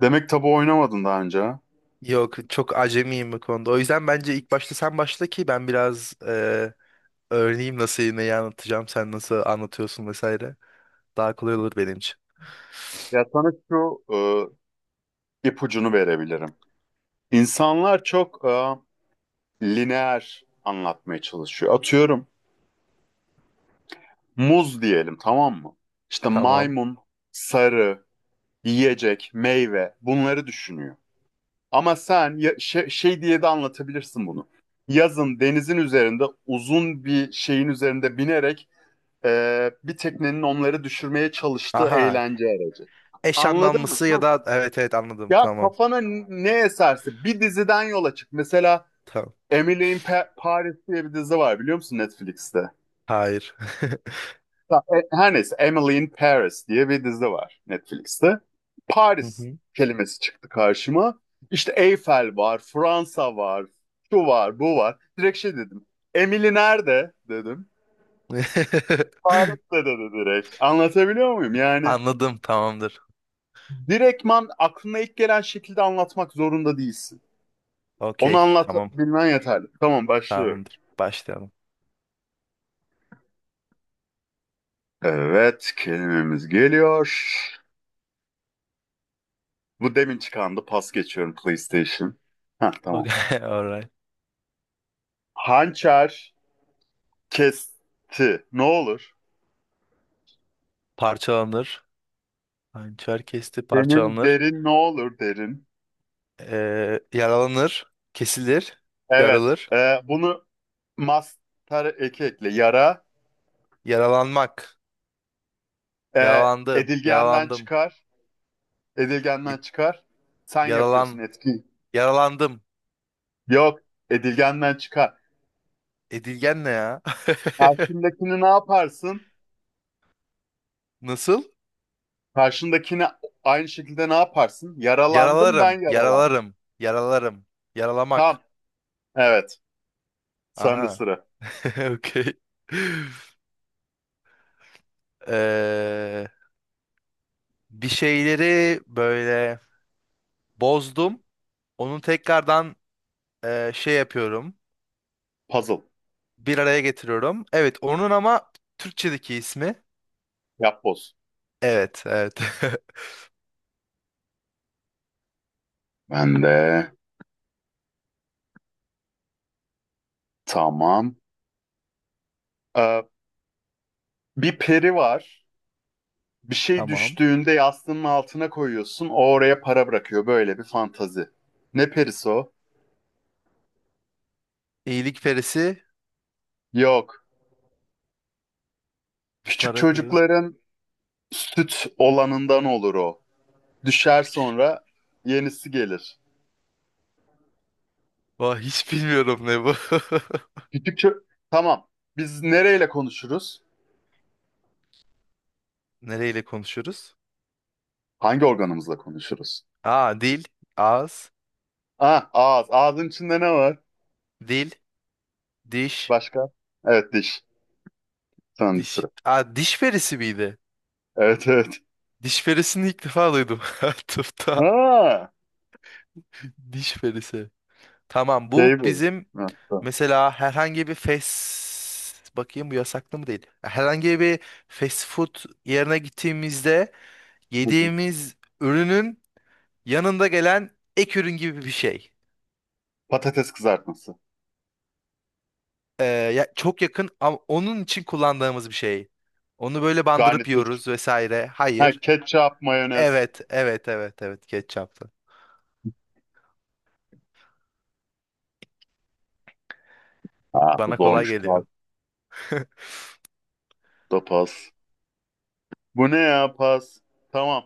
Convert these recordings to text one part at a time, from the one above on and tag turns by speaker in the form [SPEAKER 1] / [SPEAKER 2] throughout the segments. [SPEAKER 1] Demek tabu oynamadın daha önce, ha?
[SPEAKER 2] Yok, çok acemiyim bu konuda. O yüzden bence ilk başta sen başla ki ben biraz öğreneyim nasıl neyi anlatacağım, sen nasıl anlatıyorsun vesaire. Daha kolay olur benim için.
[SPEAKER 1] Ya sana şu ipucunu verebilirim. İnsanlar çok lineer anlatmaya çalışıyor. Atıyorum muz diyelim, tamam mı? İşte
[SPEAKER 2] Tamam.
[SPEAKER 1] maymun, sarı, yiyecek, meyve bunları düşünüyor. Ama sen şey, şey diye de anlatabilirsin bunu. Yazın denizin üzerinde uzun bir şeyin üzerinde binerek bir teknenin onları düşürmeye çalıştığı
[SPEAKER 2] Aha,
[SPEAKER 1] eğlence aracı.
[SPEAKER 2] eş
[SPEAKER 1] Anladın mı?
[SPEAKER 2] anlamlısı ya da evet, evet, anladım,
[SPEAKER 1] Ya
[SPEAKER 2] tamam.
[SPEAKER 1] kafana ne eserse bir diziden yola çık. Mesela
[SPEAKER 2] Tamam.
[SPEAKER 1] Paris diye bir dizi var, biliyor musun Netflix'te?
[SPEAKER 2] Hayır.
[SPEAKER 1] Ha, her neyse, Emily in Paris diye bir dizi var Netflix'te.
[SPEAKER 2] Hı
[SPEAKER 1] Paris
[SPEAKER 2] hı.
[SPEAKER 1] kelimesi çıktı karşıma. İşte Eyfel var, Fransa var, şu var, bu var. Direkt şey dedim. Emily nerede dedim. Paris'te dedi direkt. Anlatabiliyor muyum? Yani
[SPEAKER 2] Anladım, tamamdır.
[SPEAKER 1] direktman aklına ilk gelen şekilde anlatmak zorunda değilsin. Onu
[SPEAKER 2] Okey, tamam,
[SPEAKER 1] anlatabilmen yeterli. Tamam, başlıyorum.
[SPEAKER 2] tamamdır. Başlayalım.
[SPEAKER 1] Evet, kelimemiz geliyor. Bu demin çıkandı. Pas geçiyorum. PlayStation. Ha,
[SPEAKER 2] Okay,
[SPEAKER 1] tamam.
[SPEAKER 2] alright.
[SPEAKER 1] Hançer kesti. Ne olur?
[SPEAKER 2] Parçalanır. Hançer kesti,
[SPEAKER 1] Senin
[SPEAKER 2] parçalanır.
[SPEAKER 1] derin ne olur, derin?
[SPEAKER 2] Yaralanır, kesilir,
[SPEAKER 1] Evet.
[SPEAKER 2] yarılır,
[SPEAKER 1] Bunu master eki ekle. Yara.
[SPEAKER 2] yaralanmak, yaralandı,
[SPEAKER 1] Edilgenden
[SPEAKER 2] yaralandım,
[SPEAKER 1] çıkar. Edilgenden
[SPEAKER 2] ed-
[SPEAKER 1] çıkar. Sen yapıyorsun,
[SPEAKER 2] yaralan,
[SPEAKER 1] etki.
[SPEAKER 2] yaralandım.
[SPEAKER 1] Yok. Edilgenden çıkar.
[SPEAKER 2] Edilgen ne ya?
[SPEAKER 1] Karşındakini ne yaparsın?
[SPEAKER 2] Nasıl?
[SPEAKER 1] Karşındakini aynı şekilde ne yaparsın? Yaralandım,
[SPEAKER 2] Yaralarım,
[SPEAKER 1] ben yaralandım.
[SPEAKER 2] yaralarım, yaralarım, yaralamak.
[SPEAKER 1] Tamam. Evet. Sende
[SPEAKER 2] Aha,
[SPEAKER 1] sıra.
[SPEAKER 2] okey. Ee, Bir şeyleri böyle bozdum, onu tekrardan şey yapıyorum,
[SPEAKER 1] Puzzle.
[SPEAKER 2] bir araya getiriyorum. Evet, onun ama Türkçedeki ismi.
[SPEAKER 1] Yapboz.
[SPEAKER 2] Evet, evet.
[SPEAKER 1] Ben de tamam. Ee, Bir peri var. Bir şey
[SPEAKER 2] Tamam.
[SPEAKER 1] düştüğünde yastığının altına koyuyorsun. O oraya para bırakıyor. Böyle bir fantazi. Ne perisi o?
[SPEAKER 2] İyilikperisi,
[SPEAKER 1] Yok.
[SPEAKER 2] bir
[SPEAKER 1] Küçük
[SPEAKER 2] para koyuyorum.
[SPEAKER 1] çocukların süt olanından olur o. Düşer, sonra yenisi gelir.
[SPEAKER 2] Vah, hiç bilmiyorum ne bu.
[SPEAKER 1] Küçük ço- Tamam. Biz nereyle konuşuruz?
[SPEAKER 2] Nereyle konuşuyoruz?
[SPEAKER 1] Hangi organımızla konuşuruz?
[SPEAKER 2] Aa, dil, ağız,
[SPEAKER 1] Ah, ağız. Ağzın içinde ne var?
[SPEAKER 2] dil, diş,
[SPEAKER 1] Başka? Evet, diş. Sende
[SPEAKER 2] diş.
[SPEAKER 1] sıra.
[SPEAKER 2] Aa, diş perisi miydi?
[SPEAKER 1] Evet, evet.
[SPEAKER 2] Diş perisini ilk defa duydum. Tıpta
[SPEAKER 1] Ha,
[SPEAKER 2] diş perisi. Tamam,
[SPEAKER 1] şey
[SPEAKER 2] bu
[SPEAKER 1] bu.
[SPEAKER 2] bizim
[SPEAKER 1] Ha, tamam.
[SPEAKER 2] mesela herhangi bir fast, bakayım bu yasaklı mı değil. Herhangi bir fast food yerine gittiğimizde
[SPEAKER 1] Hı hı.
[SPEAKER 2] yediğimiz ürünün yanında gelen ek ürün gibi bir şey.
[SPEAKER 1] Patates kızartması.
[SPEAKER 2] Ya, çok yakın ama onun için kullandığımız bir şey. Onu böyle bandırıp
[SPEAKER 1] Garnitür.
[SPEAKER 2] yiyoruz vesaire.
[SPEAKER 1] Ha,
[SPEAKER 2] Hayır.
[SPEAKER 1] ketçap, mayonez.
[SPEAKER 2] Evet, evet, evet, evet. Ketçaplı.
[SPEAKER 1] Ha, bu
[SPEAKER 2] Bana kolay
[SPEAKER 1] zormuş. Pas
[SPEAKER 2] geliyor.
[SPEAKER 1] da pas. Bu ne ya pas? Tamam.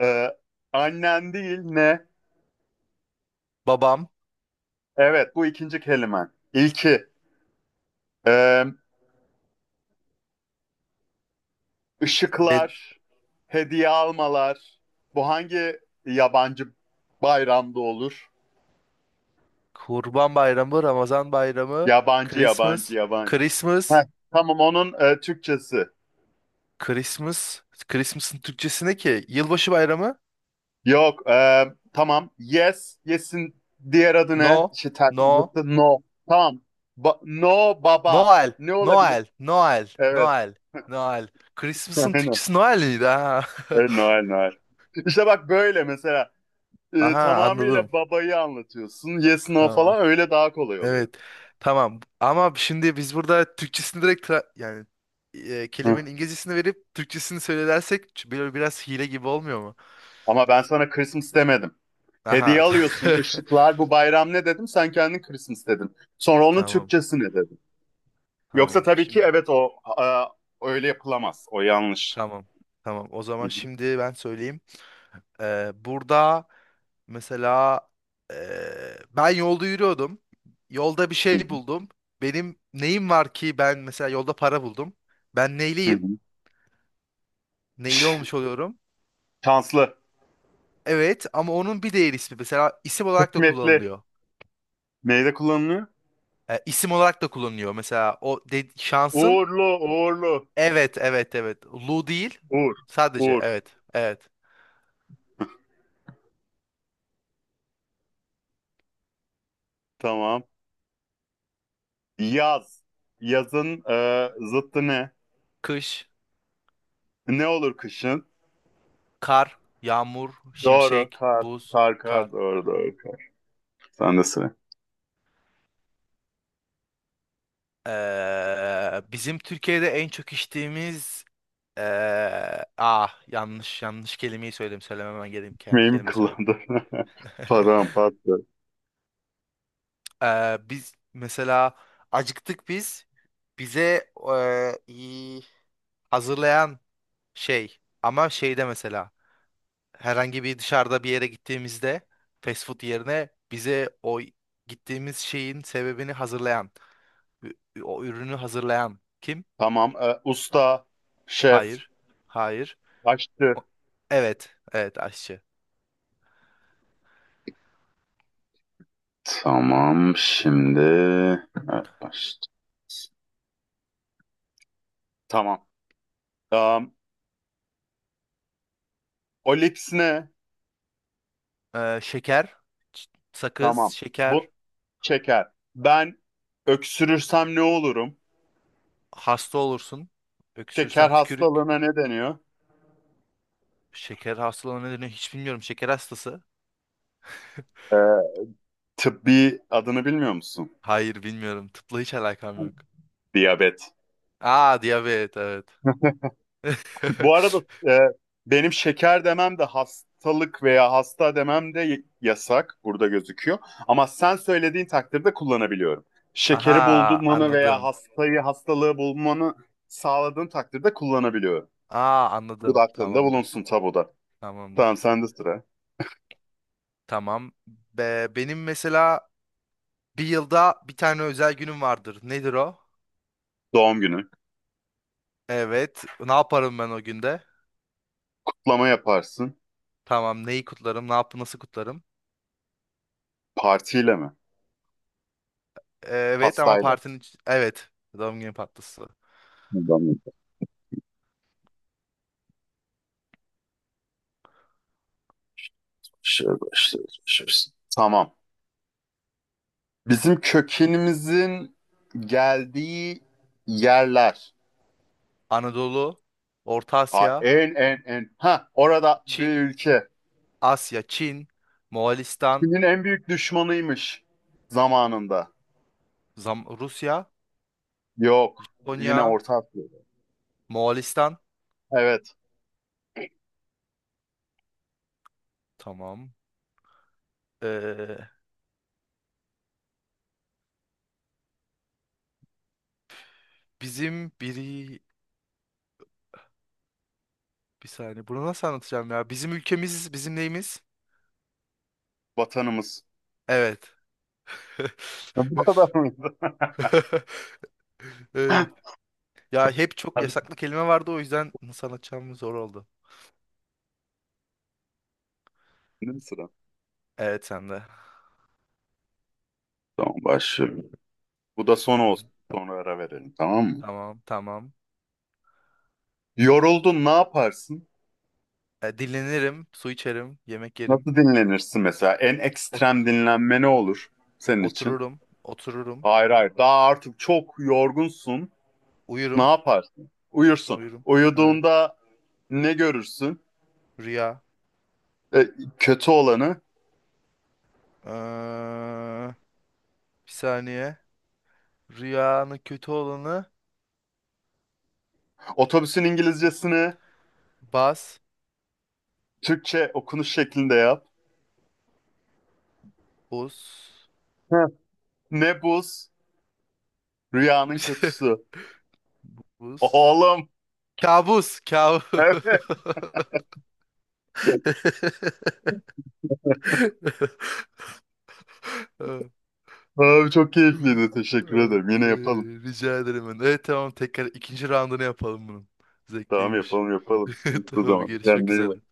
[SPEAKER 1] Ee, Annen değil ne?
[SPEAKER 2] Babam,
[SPEAKER 1] Evet, bu ikinci kelimen. İlki. Ee,
[SPEAKER 2] de,
[SPEAKER 1] ışıklar. Hediye almalar. Bu hangi yabancı bayramda olur?
[SPEAKER 2] Kurban Bayramı, Ramazan Bayramı,
[SPEAKER 1] Yabancı, yabancı,
[SPEAKER 2] Christmas,
[SPEAKER 1] yabancı. Heh,
[SPEAKER 2] Christmas,
[SPEAKER 1] tamam, onun Türkçesi.
[SPEAKER 2] Christmas, Christmas'ın Türkçesi ne ki? Yılbaşı Bayramı?
[SPEAKER 1] Yok. Tamam. Yes. Yes'in diğer adı ne?
[SPEAKER 2] No,
[SPEAKER 1] İşte ters
[SPEAKER 2] no,
[SPEAKER 1] zıttı. No. Tamam. No baba.
[SPEAKER 2] Noel,
[SPEAKER 1] Ne olabilir?
[SPEAKER 2] Noel, Noel,
[SPEAKER 1] Evet.
[SPEAKER 2] Noel, Noel. Christmas'ın
[SPEAKER 1] Aynen.
[SPEAKER 2] Türkçesi Noel miydi? Ha.
[SPEAKER 1] Evet, Noel, Noel. İşte bak böyle mesela.
[SPEAKER 2] Aha, anladım.
[SPEAKER 1] Tamamıyla babayı anlatıyorsun. Yes, no
[SPEAKER 2] Tamam.
[SPEAKER 1] falan, öyle daha kolay oluyor.
[SPEAKER 2] Evet. Tamam. Ama şimdi biz burada Türkçesini direkt yani
[SPEAKER 1] Hı.
[SPEAKER 2] kelimenin İngilizcesini verip Türkçesini söylersek böyle biraz hile gibi olmuyor mu?
[SPEAKER 1] Ama ben sana Christmas demedim.
[SPEAKER 2] Aha.
[SPEAKER 1] Hediye alıyorsun. Işıklar, bu bayram ne dedim? Sen kendin Christmas dedin. Sonra onun
[SPEAKER 2] Tamam.
[SPEAKER 1] Türkçesi ne dedin? Yoksa
[SPEAKER 2] Tamam.
[SPEAKER 1] tabii ki
[SPEAKER 2] Şimdi
[SPEAKER 1] evet, o e, öyle yapılamaz. O yanlış.
[SPEAKER 2] tamam. Tamam. O
[SPEAKER 1] Hı
[SPEAKER 2] zaman şimdi ben söyleyeyim. Burada mesela e, ben yolda yürüyordum. Yolda bir
[SPEAKER 1] hı.
[SPEAKER 2] şey buldum. Benim neyim var ki, ben mesela yolda para buldum. Ben
[SPEAKER 1] Hı hı.
[SPEAKER 2] neyliyim? Neyli
[SPEAKER 1] Ş-
[SPEAKER 2] olmuş oluyorum?
[SPEAKER 1] Şanslı.
[SPEAKER 2] Evet ama onun bir diğer ismi mesela isim olarak da
[SPEAKER 1] Hikmetli.
[SPEAKER 2] kullanılıyor.
[SPEAKER 1] Neyde kullanılıyor?
[SPEAKER 2] E, isim olarak da kullanılıyor. Mesela o şansın,
[SPEAKER 1] Uğurlu, uğurlu.
[SPEAKER 2] evet, evet, evet. Lu değil,
[SPEAKER 1] Uğur.
[SPEAKER 2] sadece,
[SPEAKER 1] Uğur.
[SPEAKER 2] evet, evet.
[SPEAKER 1] Tamam. Yaz. Yazın zıttı ne?
[SPEAKER 2] Kış,
[SPEAKER 1] Ne olur kışın?
[SPEAKER 2] kar, yağmur,
[SPEAKER 1] Doğru.
[SPEAKER 2] şimşek,
[SPEAKER 1] Kar.
[SPEAKER 2] buz,
[SPEAKER 1] Kar,
[SPEAKER 2] kar.
[SPEAKER 1] kar. Doğru, doğru. Kar. Sen de sıra.
[SPEAKER 2] Bizim Türkiye'de en çok içtiğimiz ah, yanlış, yanlış kelimeyi söyledim, söylememem gereken
[SPEAKER 1] Hikmeyi mi
[SPEAKER 2] kelime söyledim.
[SPEAKER 1] kullandın? Pardon, pardon.
[SPEAKER 2] Biz mesela acıktık, biz, bize, e, hazırlayan şey, ama şeyde mesela herhangi bir dışarıda bir yere gittiğimizde fast food yerine bize o gittiğimiz şeyin sebebini hazırlayan o ürünü hazırlayan kim?
[SPEAKER 1] Tamam. Usta. Şef.
[SPEAKER 2] Hayır. Hayır.
[SPEAKER 1] Aşçı.
[SPEAKER 2] O- evet. Evet, aşçı.
[SPEAKER 1] Tamam. Şimdi... Evet, başladı. Tamam. Um, Olips ne?
[SPEAKER 2] Şeker, ç- sakız,
[SPEAKER 1] Tamam.
[SPEAKER 2] şeker,
[SPEAKER 1] Bu şeker. Ben öksürürsem ne olurum?
[SPEAKER 2] hasta olursun. Öksürsen
[SPEAKER 1] Şeker
[SPEAKER 2] tükürük.
[SPEAKER 1] hastalığına ne deniyor?
[SPEAKER 2] Şeker hastalığına nedeni hiç bilmiyorum. Şeker hastası.
[SPEAKER 1] Ee, Tıbbi adını bilmiyor musun?
[SPEAKER 2] Hayır, bilmiyorum. Tıpla hiç alakam yok.
[SPEAKER 1] Diyabet.
[SPEAKER 2] Aa, diyabet, evet.
[SPEAKER 1] Bu arada e, benim şeker demem de, hastalık veya hasta demem de yasak. Burada gözüküyor. Ama sen söylediğin takdirde kullanabiliyorum. Şekeri
[SPEAKER 2] Aha,
[SPEAKER 1] bulmanı veya
[SPEAKER 2] anladım.
[SPEAKER 1] hastayı, hastalığı bulmanı sağladığın takdirde kullanabiliyorum.
[SPEAKER 2] Aa,
[SPEAKER 1] Bu da
[SPEAKER 2] anladım.
[SPEAKER 1] aklında
[SPEAKER 2] Tamamdır.
[SPEAKER 1] bulunsun tabuda. Tamam,
[SPEAKER 2] Tamamdır.
[SPEAKER 1] sende sıra.
[SPEAKER 2] Tamam. Benim mesela bir yılda bir tane özel günüm vardır. Nedir o?
[SPEAKER 1] Doğum günü.
[SPEAKER 2] Evet. Ne yaparım ben o günde?
[SPEAKER 1] Kutlama yaparsın.
[SPEAKER 2] Tamam. Neyi kutlarım? Ne yap Nasıl kutlarım?
[SPEAKER 1] Partiyle mi?
[SPEAKER 2] Evet ama
[SPEAKER 1] Pastayla.
[SPEAKER 2] evet. Doğum günü partisi.
[SPEAKER 1] Buradan Şöyle başlıyoruz. Tamam. Bizim kökenimizin geldiği yerler.
[SPEAKER 2] Anadolu, Orta
[SPEAKER 1] Aa,
[SPEAKER 2] Asya,
[SPEAKER 1] en en en. Ha, orada bir
[SPEAKER 2] Çin,
[SPEAKER 1] ülke.
[SPEAKER 2] Asya, Çin, Moğolistan,
[SPEAKER 1] Çin'in en büyük düşmanıymış zamanında.
[SPEAKER 2] Rusya,
[SPEAKER 1] Yok. Yine
[SPEAKER 2] Japonya,
[SPEAKER 1] Orta Asya'da.
[SPEAKER 2] Moğolistan.
[SPEAKER 1] Evet.
[SPEAKER 2] Tamam. Ee, Bizim biri, bir saniye. Bunu nasıl anlatacağım ya? Bizim ülkemiz, bizim neyimiz?
[SPEAKER 1] Vatanımız.
[SPEAKER 2] Evet.
[SPEAKER 1] Bu kadar mıydı?
[SPEAKER 2] Evet. Ya, hep çok
[SPEAKER 1] Hadi.
[SPEAKER 2] yasaklı kelime vardı, o yüzden nasıl anlatacağım zor oldu.
[SPEAKER 1] Benim sıram.
[SPEAKER 2] Evet, sen de.
[SPEAKER 1] Tamam, başlıyorum. Bu da son
[SPEAKER 2] Okey.
[SPEAKER 1] olsun. Sonra ara verelim, tamam mı?
[SPEAKER 2] Tamam, tamam.
[SPEAKER 1] Yoruldun, ne yaparsın?
[SPEAKER 2] E, dinlenirim, su içerim, yemek yerim.
[SPEAKER 1] Nasıl dinlenirsin mesela? En
[SPEAKER 2] Ot-
[SPEAKER 1] ekstrem dinlenme ne olur senin için?
[SPEAKER 2] Otururum, otururum.
[SPEAKER 1] Hayır, hayır. Daha artık çok yorgunsun. Ne
[SPEAKER 2] Uyurum,
[SPEAKER 1] yaparsın? Uyursun.
[SPEAKER 2] uyurum. Evet.
[SPEAKER 1] Uyuduğunda ne görürsün?
[SPEAKER 2] Rüya.
[SPEAKER 1] E, kötü olanı.
[SPEAKER 2] Ee, Bir saniye. Rüyanın kötü olanı,
[SPEAKER 1] Otobüsün İngilizcesini
[SPEAKER 2] bas,
[SPEAKER 1] Türkçe okunuş şeklinde yap.
[SPEAKER 2] buz.
[SPEAKER 1] Heh. Ne buz? Rüyanın kötüsü.
[SPEAKER 2] Buz.
[SPEAKER 1] Oğlum.
[SPEAKER 2] Kabus, kabus.
[SPEAKER 1] Evet. Abi çok keyifliydi. Teşekkür ederim. Yine yapalım.
[SPEAKER 2] Rica ederim ben. Evet, tamam, tekrar ikinci roundunu yapalım bunun.
[SPEAKER 1] Tamam,
[SPEAKER 2] Zevkliymiş.
[SPEAKER 1] yapalım yapalım. Bu
[SPEAKER 2] Tamam,
[SPEAKER 1] zaman.
[SPEAKER 2] görüşmek
[SPEAKER 1] Kendine iyi
[SPEAKER 2] üzere.
[SPEAKER 1] bak.